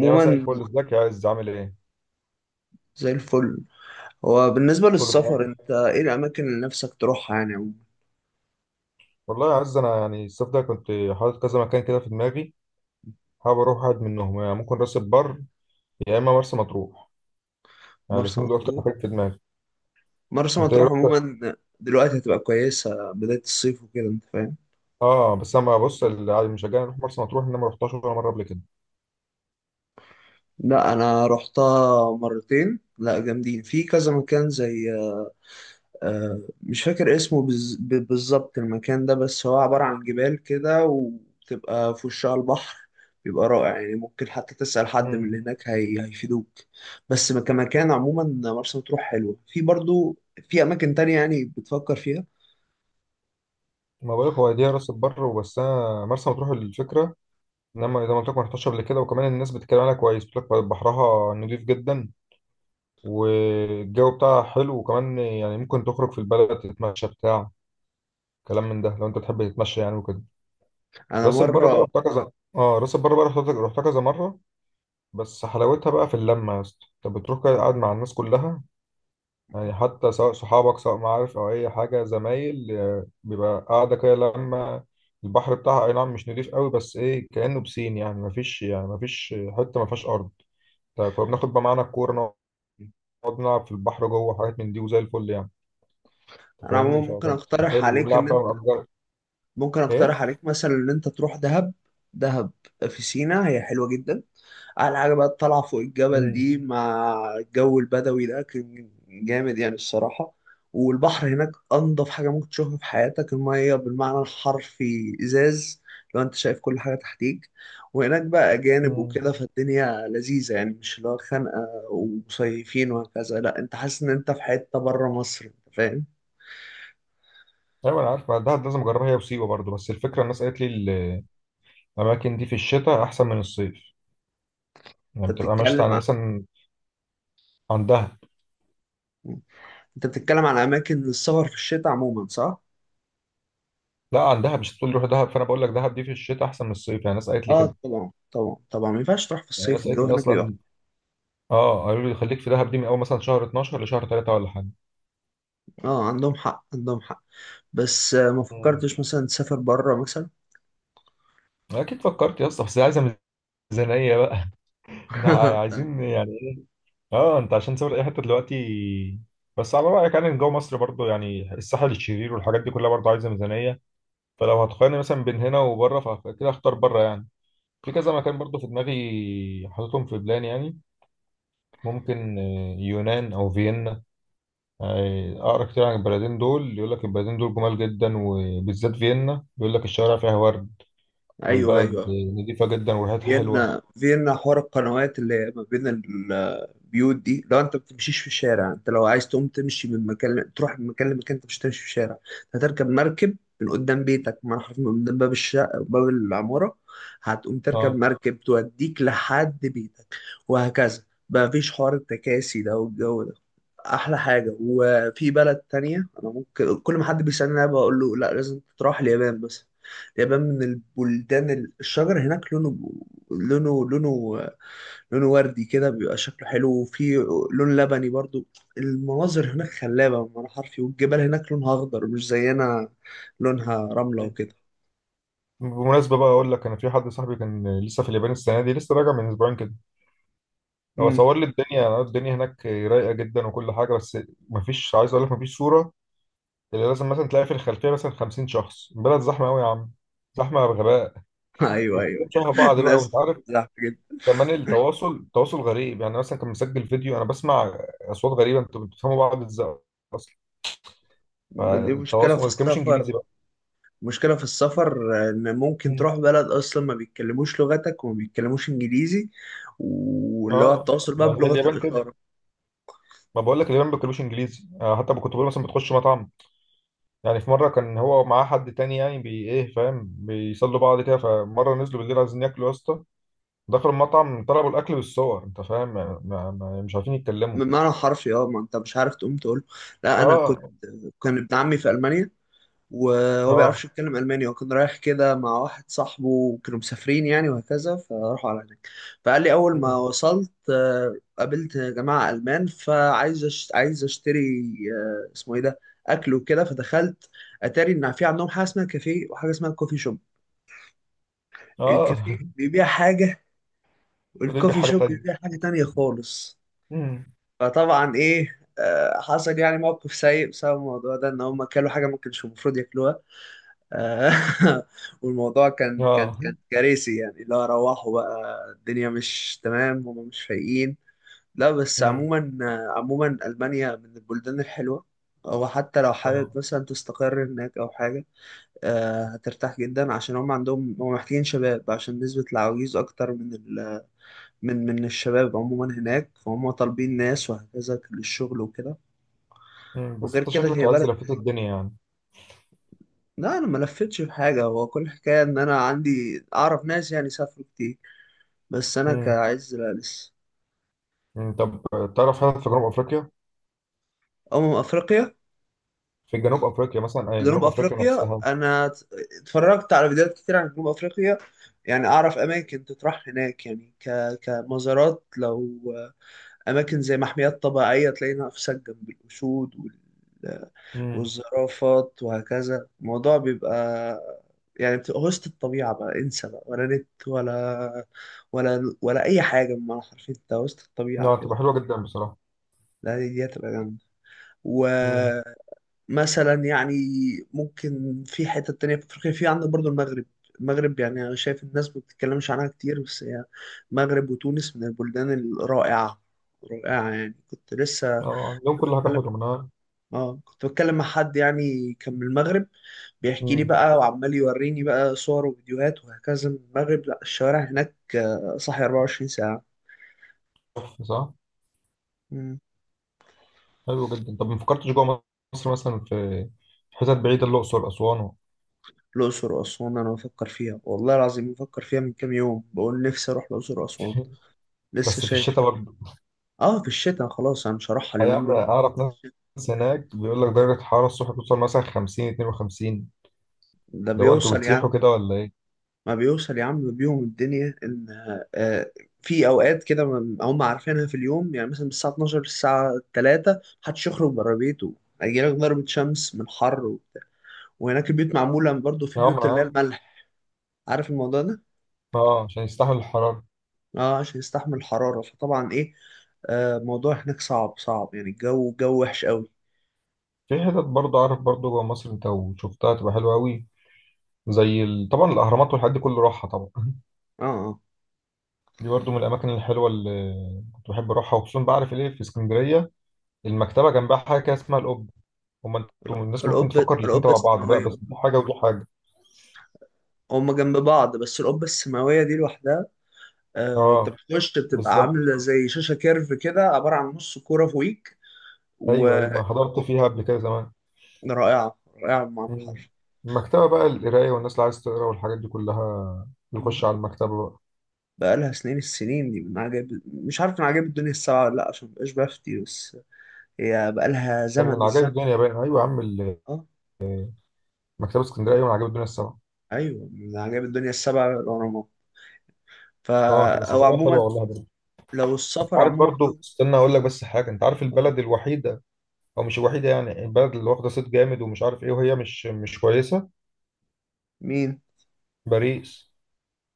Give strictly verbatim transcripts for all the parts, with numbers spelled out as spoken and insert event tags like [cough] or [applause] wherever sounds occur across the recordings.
يعني مثلا الفل، ازيك يا عز؟ عامل ايه؟ زي الفل. هو بالنسبة كله للسفر تمام؟ انت ايه الأماكن اللي نفسك تروحها يعني عموما؟ والله يا عز، انا يعني الصيف ده كنت حاطط كذا مكان كده في دماغي. حابب اروح واحد منهم، يعني ممكن راس البر، يا اما مرسى مطروح. يعني مرسى الاثنين دول اكتر مطروح. مكان في دماغي. مرسى انت ايه، مطروح رحت؟ عموما دلوقتي هتبقى كويسة بداية الصيف وكده انت فاهم. اه، بس انا بص، اللي عاد مشجعني اروح مرسى مطروح ان انا ما رحتهاش ولا مره قبل كده. لا أنا رحتها مرتين، لا جامدين، في كذا مكان زي آه، مش فاكر اسمه بز- ب- بالظبط المكان ده، بس هو عبارة عن جبال كده وبتبقى في وشها البحر، بيبقى رائع. يعني ممكن حتى تسأل حد من امم اللي هناك هي... هيفيدوك. بس كمكان عموما مرسى مطروح حلوة في برضو. في أماكن تانية يعني بتفكر فيها؟ ما بقولك، هو دي راس البر وبس. انا مرسى مطروح الفكره ان انا زي ما قلت لك ما رحتهاش قبل كده، وكمان الناس بتتكلم عنها كويس، بتقول لك بحرها نضيف جدا والجو بتاعها حلو، وكمان يعني ممكن تخرج في البلد تتمشى بتاع كلام من ده، لو انت بتحب تتمشى يعني وكده. أنا راس البر بقى مرة. رحتها كذا. اه، راس البر بقى رحتها رحتها كذا مره، بس حلاوتها بقى في اللمه يا اسطى. انت بتروح كده قاعد مع الناس كلها، يعني حتى سواء صحابك، سواء معارف او اي حاجه، زمايل، آه، بيبقى قاعده كده. لما البحر بتاعها اي نعم مش نضيف قوي، بس ايه كانه بسين، يعني مفيش، يعني مفيش حته مفيهاش ارض. طيب، كنا بناخد بقى معانا الكوره، نقعد نلعب في البحر جوه، حاجات من دي، وزي الفل يعني. أنت أنا فاهمني، عموما ممكن فكانت أقترح حلو عليك إن ونلعب بقى أنت ونأجر. ممكن ايه؟ أقترح عليك مثلا إن أنت تروح دهب. دهب في سينا، هي حلوة جدا. على حاجة بقى، الطلعة فوق الجبل مم. دي مع الجو البدوي ده كان جامد يعني الصراحة. والبحر هناك أنضف حاجة ممكن تشوفها في حياتك، المية بالمعنى الحرفي إزاز، لو أنت شايف كل حاجة تحتيك. وهناك بقى أجانب مم. وكده، فالدنيا لذيذة يعني، مش اللي هو خانقة ومصيفين وهكذا، لا، أنت حاسس إن أنت في حتة بره مصر، أنت فاهم؟ ايوه، انا عارف دهب لازم اجربها هي وسيوه برضو، بس الفكره الناس قالت لي الاماكن دي في الشتاء احسن من الصيف. يعني أنت بتبقى ماشيه بتتكلم عن عن مثلا... عن دهب. أنت بتتكلم عن أماكن السفر في الشتاء عموما، صح؟ لا، عن دهب. مش تقول روح دهب، فانا بقول لك دهب دي في الشتاء احسن من الصيف، يعني الناس قالت لي آه كده. طبعا طبعا طبعا، ما ينفعش تروح في يعني الصيف، الناس قالت الجو لي هناك بيبقى. اصلا. اه، قالوا لي خليك في دهب دي من اول مثلا شهر اتناشر لشهر ثلاثة ولا حاجه. اه عندهم حق عندهم حق، بس آه، ما مم. فكرتش مثلا تسافر بره مثلا؟ اكيد فكرت يا اسطى، بس عايزه ميزانيه بقى [laughs] احنا [laughs] فاهم؟ عايزين يعني ايه؟ اه، انت عشان تسافر اي حته دلوقتي، بس على رايك يعني جو مصر برضو، يعني الساحل الشرير والحاجات دي كلها برضو عايزه ميزانيه. فلو هتقارني مثلا بين هنا وبره، فكده اختار بره يعني. في كذا مكان برضو في دماغي حاططهم في بلان، يعني ممكن آه، يونان او فيينا. آه، اقرا كتير عن البلدين دول، يقول لك البلدين دول جمال جدا، وبالذات فيينا، بيقول لك الشوارع فيها ورد ايوه والبلد ايوه. آه، نظيفة جدا وريحتها حلوة. فيينا، فيينا حوار القنوات اللي هي ما بين البيوت دي، لو انت ما بتمشيش في الشارع، انت لو عايز تقوم تمشي من مكان تروح من مكان لمكان، انت مش هتمشي في الشارع، هتركب مركب من قدام بيتك، من حرف، من قدام باب الشقه، باب العماره، هتقوم تركب اه. مركب توديك لحد بيتك، وهكذا. ما فيش حوار التكاسي ده والجو ده. احلى حاجه، وفي بلد تانية انا ممكن كل ما حد بيسالني انا بقول له لا، لازم تروح اليابان مثلا. اليابان من البلدان ال- الشجر هناك لونه، لونه لونه لونه وردي كده، بيبقى شكله حلو، وفي لون لبني برضو. المناظر هناك خلابه بمعنى حرفي، والجبال هناك لونها اخضر مش زينا، لونها رمله وكده. بمناسبة بقى أقول لك، أنا في حد صاحبي كان لسه في اليابان السنة دي، لسه راجع من أسبوعين كده. هو امم. صور لي الدنيا الدنيا هناك رايقة جدا وكل حاجة، بس مفيش، عايز أقول لك مفيش صورة اللي لازم مثلا تلاقي في الخلفيه مثلا خمسين شخص. البلد زحمه قوي يا عم، زحمه بغباء، [laughs] ايوه وكلهم ايوه. شبه بعض بقى وانت الناس عارف. زحمه جدا. كمان التواصل التواصل غريب، يعني مثلا كان مسجل فيديو انا بسمع اصوات غريبه، انتوا بتفهموا بعض ازاي اصلا؟ من دي مشكله فالتواصل في ما بيتكلمش السفر. انجليزي بقى. مشكلة في السفر، إن ممكن مم. تروح بلد أصلا ما بيتكلموش لغتك وما بيتكلموش إنجليزي، واللي هو اه، التواصل ما بقى زي بلغة اليابان كده، الإشارة. ما بقول لك اليابان ما بيتكلموش انجليزي، آه، حتى كنت بقول مثلا بتخش مطعم. يعني في مره كان هو معاه حد تاني يعني، بي ايه، فاهم، بيصلوا بعض كده. فمره نزلوا بالليل عايزين ياكلوا يا اسطى، دخلوا المطعم طلبوا الاكل بالصور، انت فاهم يعني، ما ما- مش عارفين يتكلموا. بمعنى حرفي اه، ما أنت مش عارف تقوم تقول. لا أنا كنت، اه. كان ابن عمي في ألمانيا، وهو بيعرفش اه، يتكلم ألماني، وكان رايح كده مع واحد صاحبه وكانوا مسافرين يعني وهكذا، فراحوا على هناك. فقال لي أول ما مم. وصلت آه، قابلت جماعة ألمان، فعايز أش... عايز أشتري، آه، اسمه إيه ده، أكل وكده، فدخلت. أتاري إن في عندهم حاجة اسمها كافيه وحاجة اسمها كوفي شوب. اه. الكافيه بيبيع حاجة، وليبيا والكوفي حاجة شوب تانية. بيبيع حاجة تانية خالص. مم. فطبعا إيه، آه، حصل يعني موقف سيء بسبب الموضوع ده، إن هم كلوا حاجة ما كانش المفروض ياكلوها. [laughs] والموضوع كان كان اه. كان كارثي يعني، لا روحوا بقى الدنيا مش تمام، هم مش فايقين. لا بس مم. عموما. عموما ألمانيا من البلدان الحلوة، أو حتى لو حابب اه. مثلا تستقر هناك أو حاجة، آه، هترتاح جدا، عشان هم عندهم، هم محتاجين شباب، عشان نسبة العواجيز أكتر من ال... من من الشباب عموما هناك، فهم طالبين ناس وهكذا للشغل وكده. مم. بس وغير انت كده شكلك هي عايز بلد. لفيت الدنيا يعني. لا انا ما لفتش في حاجه، هو كل حكايه ان انا عندي، اعرف ناس يعني سافروا كتير، بس انا مم. كعز لا لسه. مم. طب تعرف، هل في جنوب افريقيا؟ امم افريقيا. في جنوب افريقيا مثلا اي جنوب جنوب افريقيا افريقيا نفسها. انا ت- اتفرجت على فيديوهات كتير عن جنوب افريقيا. يعني اعرف اماكن تطرح هناك يعني ك... كمزارات، لو اماكن زي محميات طبيعيه تلاقي نفسك جنب الاسود وال... مم. والزرافات وهكذا، الموضوع بيبقى، يعني بتبقى وسط الطبيعه بقى، انسى بقى ولا نت ولا ولا ولا اي حاجه، بمعنى حرفيا انت وسط الطبيعه اه، كده. تبقى حلوة جدا بصراحة. لا دي دي هتبقى جامده. مم. مثلا يعني ممكن في حتة تانية في أفريقيا، في عندك برضو المغرب. المغرب يعني أنا شايف الناس ما بتتكلمش عنها كتير، بس هي، المغرب وتونس من البلدان الرائعة. رائعة يعني، كنت لسه، اه، عندهم كنت كل حاجة بتكلم، حلوة منها. اه كنت بتكلم مع حد يعني كان من المغرب، بيحكي لي مم. بقى وعمال يوريني بقى صور وفيديوهات وهكذا من المغرب، لا الشوارع هناك آه، صاحية أربعة وعشرين ساعة. تحفة، صح. مم. حلو جدا. طب ما فكرتش جوه مصر مثلا، في في حتت بعيدة، الأقصر، أسوان، و... الأقصر وأسوان، أنا بفكر فيها والله العظيم، بفكر فيها من كام يوم، بقول نفسي أروح الأقصر وأسوان، [laughs] لسه بس في شايف. الشتاء. اه في الشتاء، خلاص انا مش هروحها اليومين هيعمل، دول. أعرف ناس هناك بيقول لك درجة الحرارة الصبح بتوصل مثلا خمسين، اتنين وخمسين. ده لو أنتوا بيوصل يا عم، بتسيحوا كده ولا إيه؟ ما بيوصل يا عم، بيهم الدنيا ان، آه، في اوقات كده، ما- هم عارفينها، في اليوم يعني مثلا من الساعه اتناشر للساعه ثلاثة محدش يخرج بره بيته، هيجيلك ضربة شمس من حر وبتاع. وهناك البيوت معمولة برضه، في يا عم بيوت اللي هي عام. الملح، عارف الموضوع ده؟ أه، عشان يستحمل الحرارة. اه عشان يستحمل الحرارة، فطبعا ايه، آه الموضوع هناك صعب صعب يعني، الجو جو وحش قوي. في حتت برضه أعرف، برضه جوه مصر، أنت وشفتها تبقى حلوة أوي، زي ال... طبعا الأهرامات والحاجات دي، كله راحة طبعا [laughs] اه اه. دي برضه من الأماكن الحلوة اللي كنت بحب أروحها. وخصوصا بعرف إيه، في اسكندرية المكتبة، جنبها حاجة كده اسمها القبة. هما، أنتوا من الناس ممكن القبة، تفكر الاتنين القبة تبع بعض بقى، السماوية، بس دي حاجة ودي حاجة. هما جنب بعض، بس القبة السماوية دي لوحدها، آه، انت أه، بتخش بتبقى بالظبط. عامله زي شاشه كيرف كده، عباره عن نص كوره فوقيك و... أيوه، أيوه، ما حضرت و... فيها قبل كده زمان. رائعه، رائعه بمعنى مم. الحرفي. المكتبة بقى القراية، والناس اللي عايز تقرا والحاجات دي كلها مم. بيخش على المكتبة بقى. بقالها سنين، السنين دي من عجائب، مش عارف من عجائب الدنيا السبعة ولا لا، عشان مبقاش بفتي، بس هي بقالها كان من زمن عجائب الزمن. الدنيا باين، أيوة يا عم، ال- اه مكتبة اسكندرية أيوة من عجائب الدنيا السبعة. ايوه، من عجائب الدنيا السبعة الأهرامات، اه، فا. تبقى أو سفرية حلوة عموما والله برضه. لو انت السفر عارف عموما برضه، جوه. استنى أقول لك بس حاجة، انت عارف آه. البلد الوحيدة، أو مش الوحيدة، يعني البلد اللي واخدة صيت جامد ومش عارف إيه وهي مش مش كويسة؟ مين؟ باريس.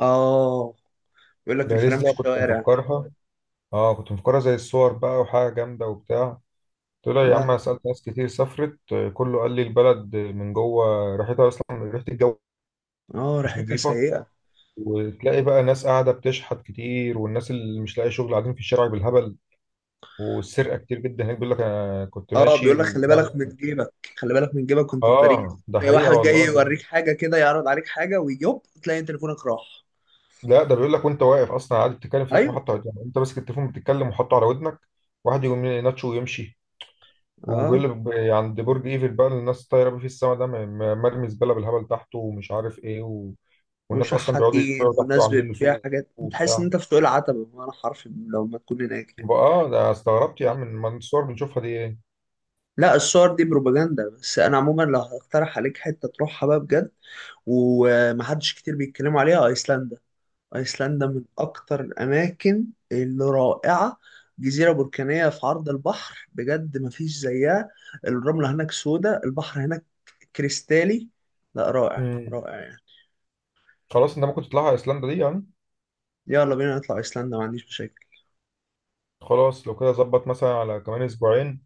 اه، يقول لك باريس الفيران دي في أنا كنت الشوارع. مفكرها، اه كنت مفكرها زي الصور بقى، وحاجة جامدة وبتاع. طلع يا لا عم، أنا لا. سألت ناس كتير سافرت، كله قال لي البلد من جوه ريحتها أصلا، ريحة الجو اه، مش ريحتها نظيفة. سيئة. وتلاقي بقى ناس قاعدة بتشحت كتير، والناس اللي مش لاقي شغل قاعدين في الشارع بالهبل، والسرقة كتير جدا هناك، بيقول لك أنا كنت اه ماشي بيقول لك ومش خلي عارف بالك إيه. من جيبك، خلي بالك من جيبك، وانت في آه، باريس ده تلاقي حقيقة واحد جاي والله. يوريك حاجه كده، يعرض عليك حاجه، ويوب تلاقي تليفونك راح. لا، ده بيقول لك وأنت واقف أصلا قاعد بتتكلم في في ايوه. محطة، يعني أنت ماسك التليفون بتتكلم وحاطه على ودنك، واحد يقوم يناتشه ويمشي. وبيقول اه، لك ب- عند برج إيفل بقى، الناس طايرة بيه في السما، ده م- م- مرمي زبالة بالهبل تحته ومش عارف إيه و... والناس أصلا بيقعدوا وشحاتين، يبيعوا تحته، والناس عاملين له بتبيع سوق حاجات، بتحس ان وبتاع. انت في سوق العتبه بمعنى حرفي، لو ما تكون هناك يعني. آه، ده استغربت يا آه. عم من الصور بنشوفها دي. لا الصور دي بروباجندا، بس انا عموما لو هقترح عليك حته تروحها بقى بجد، ومحدش كتير بيتكلموا عليها، ايسلندا. أيسلندا من أكتر الأماكن اللي رائعة، جزيرة بركانية في عرض البحر، بجد مفيش زيها. الرملة هناك سودة، البحر هناك كريستالي، لا رائع إيه؟ رائع يعني. خلاص، انت ممكن تطلعها ايسلندا دي يعني. يلا بينا نطلع أيسلندا، ما عنديش مشاكل. خلاص، لو كده ظبط مثلا على كمان اسبوعين،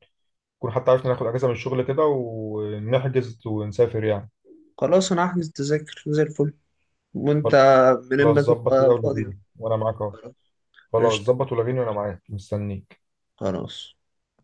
نكون حتى عرفنا ناخد اجازه من الشغل كده ونحجز ونسافر يعني. خلاص أنا هحجز تذاكر زي الفل، وأنت من خلاص، إما ظبط كده، تبقى فاضي قول. ولغيني وانا معاك اهو. خلاص. خلاص، قشطة. ظبط، ولغيني وانا معاك مستنيك. خلاص.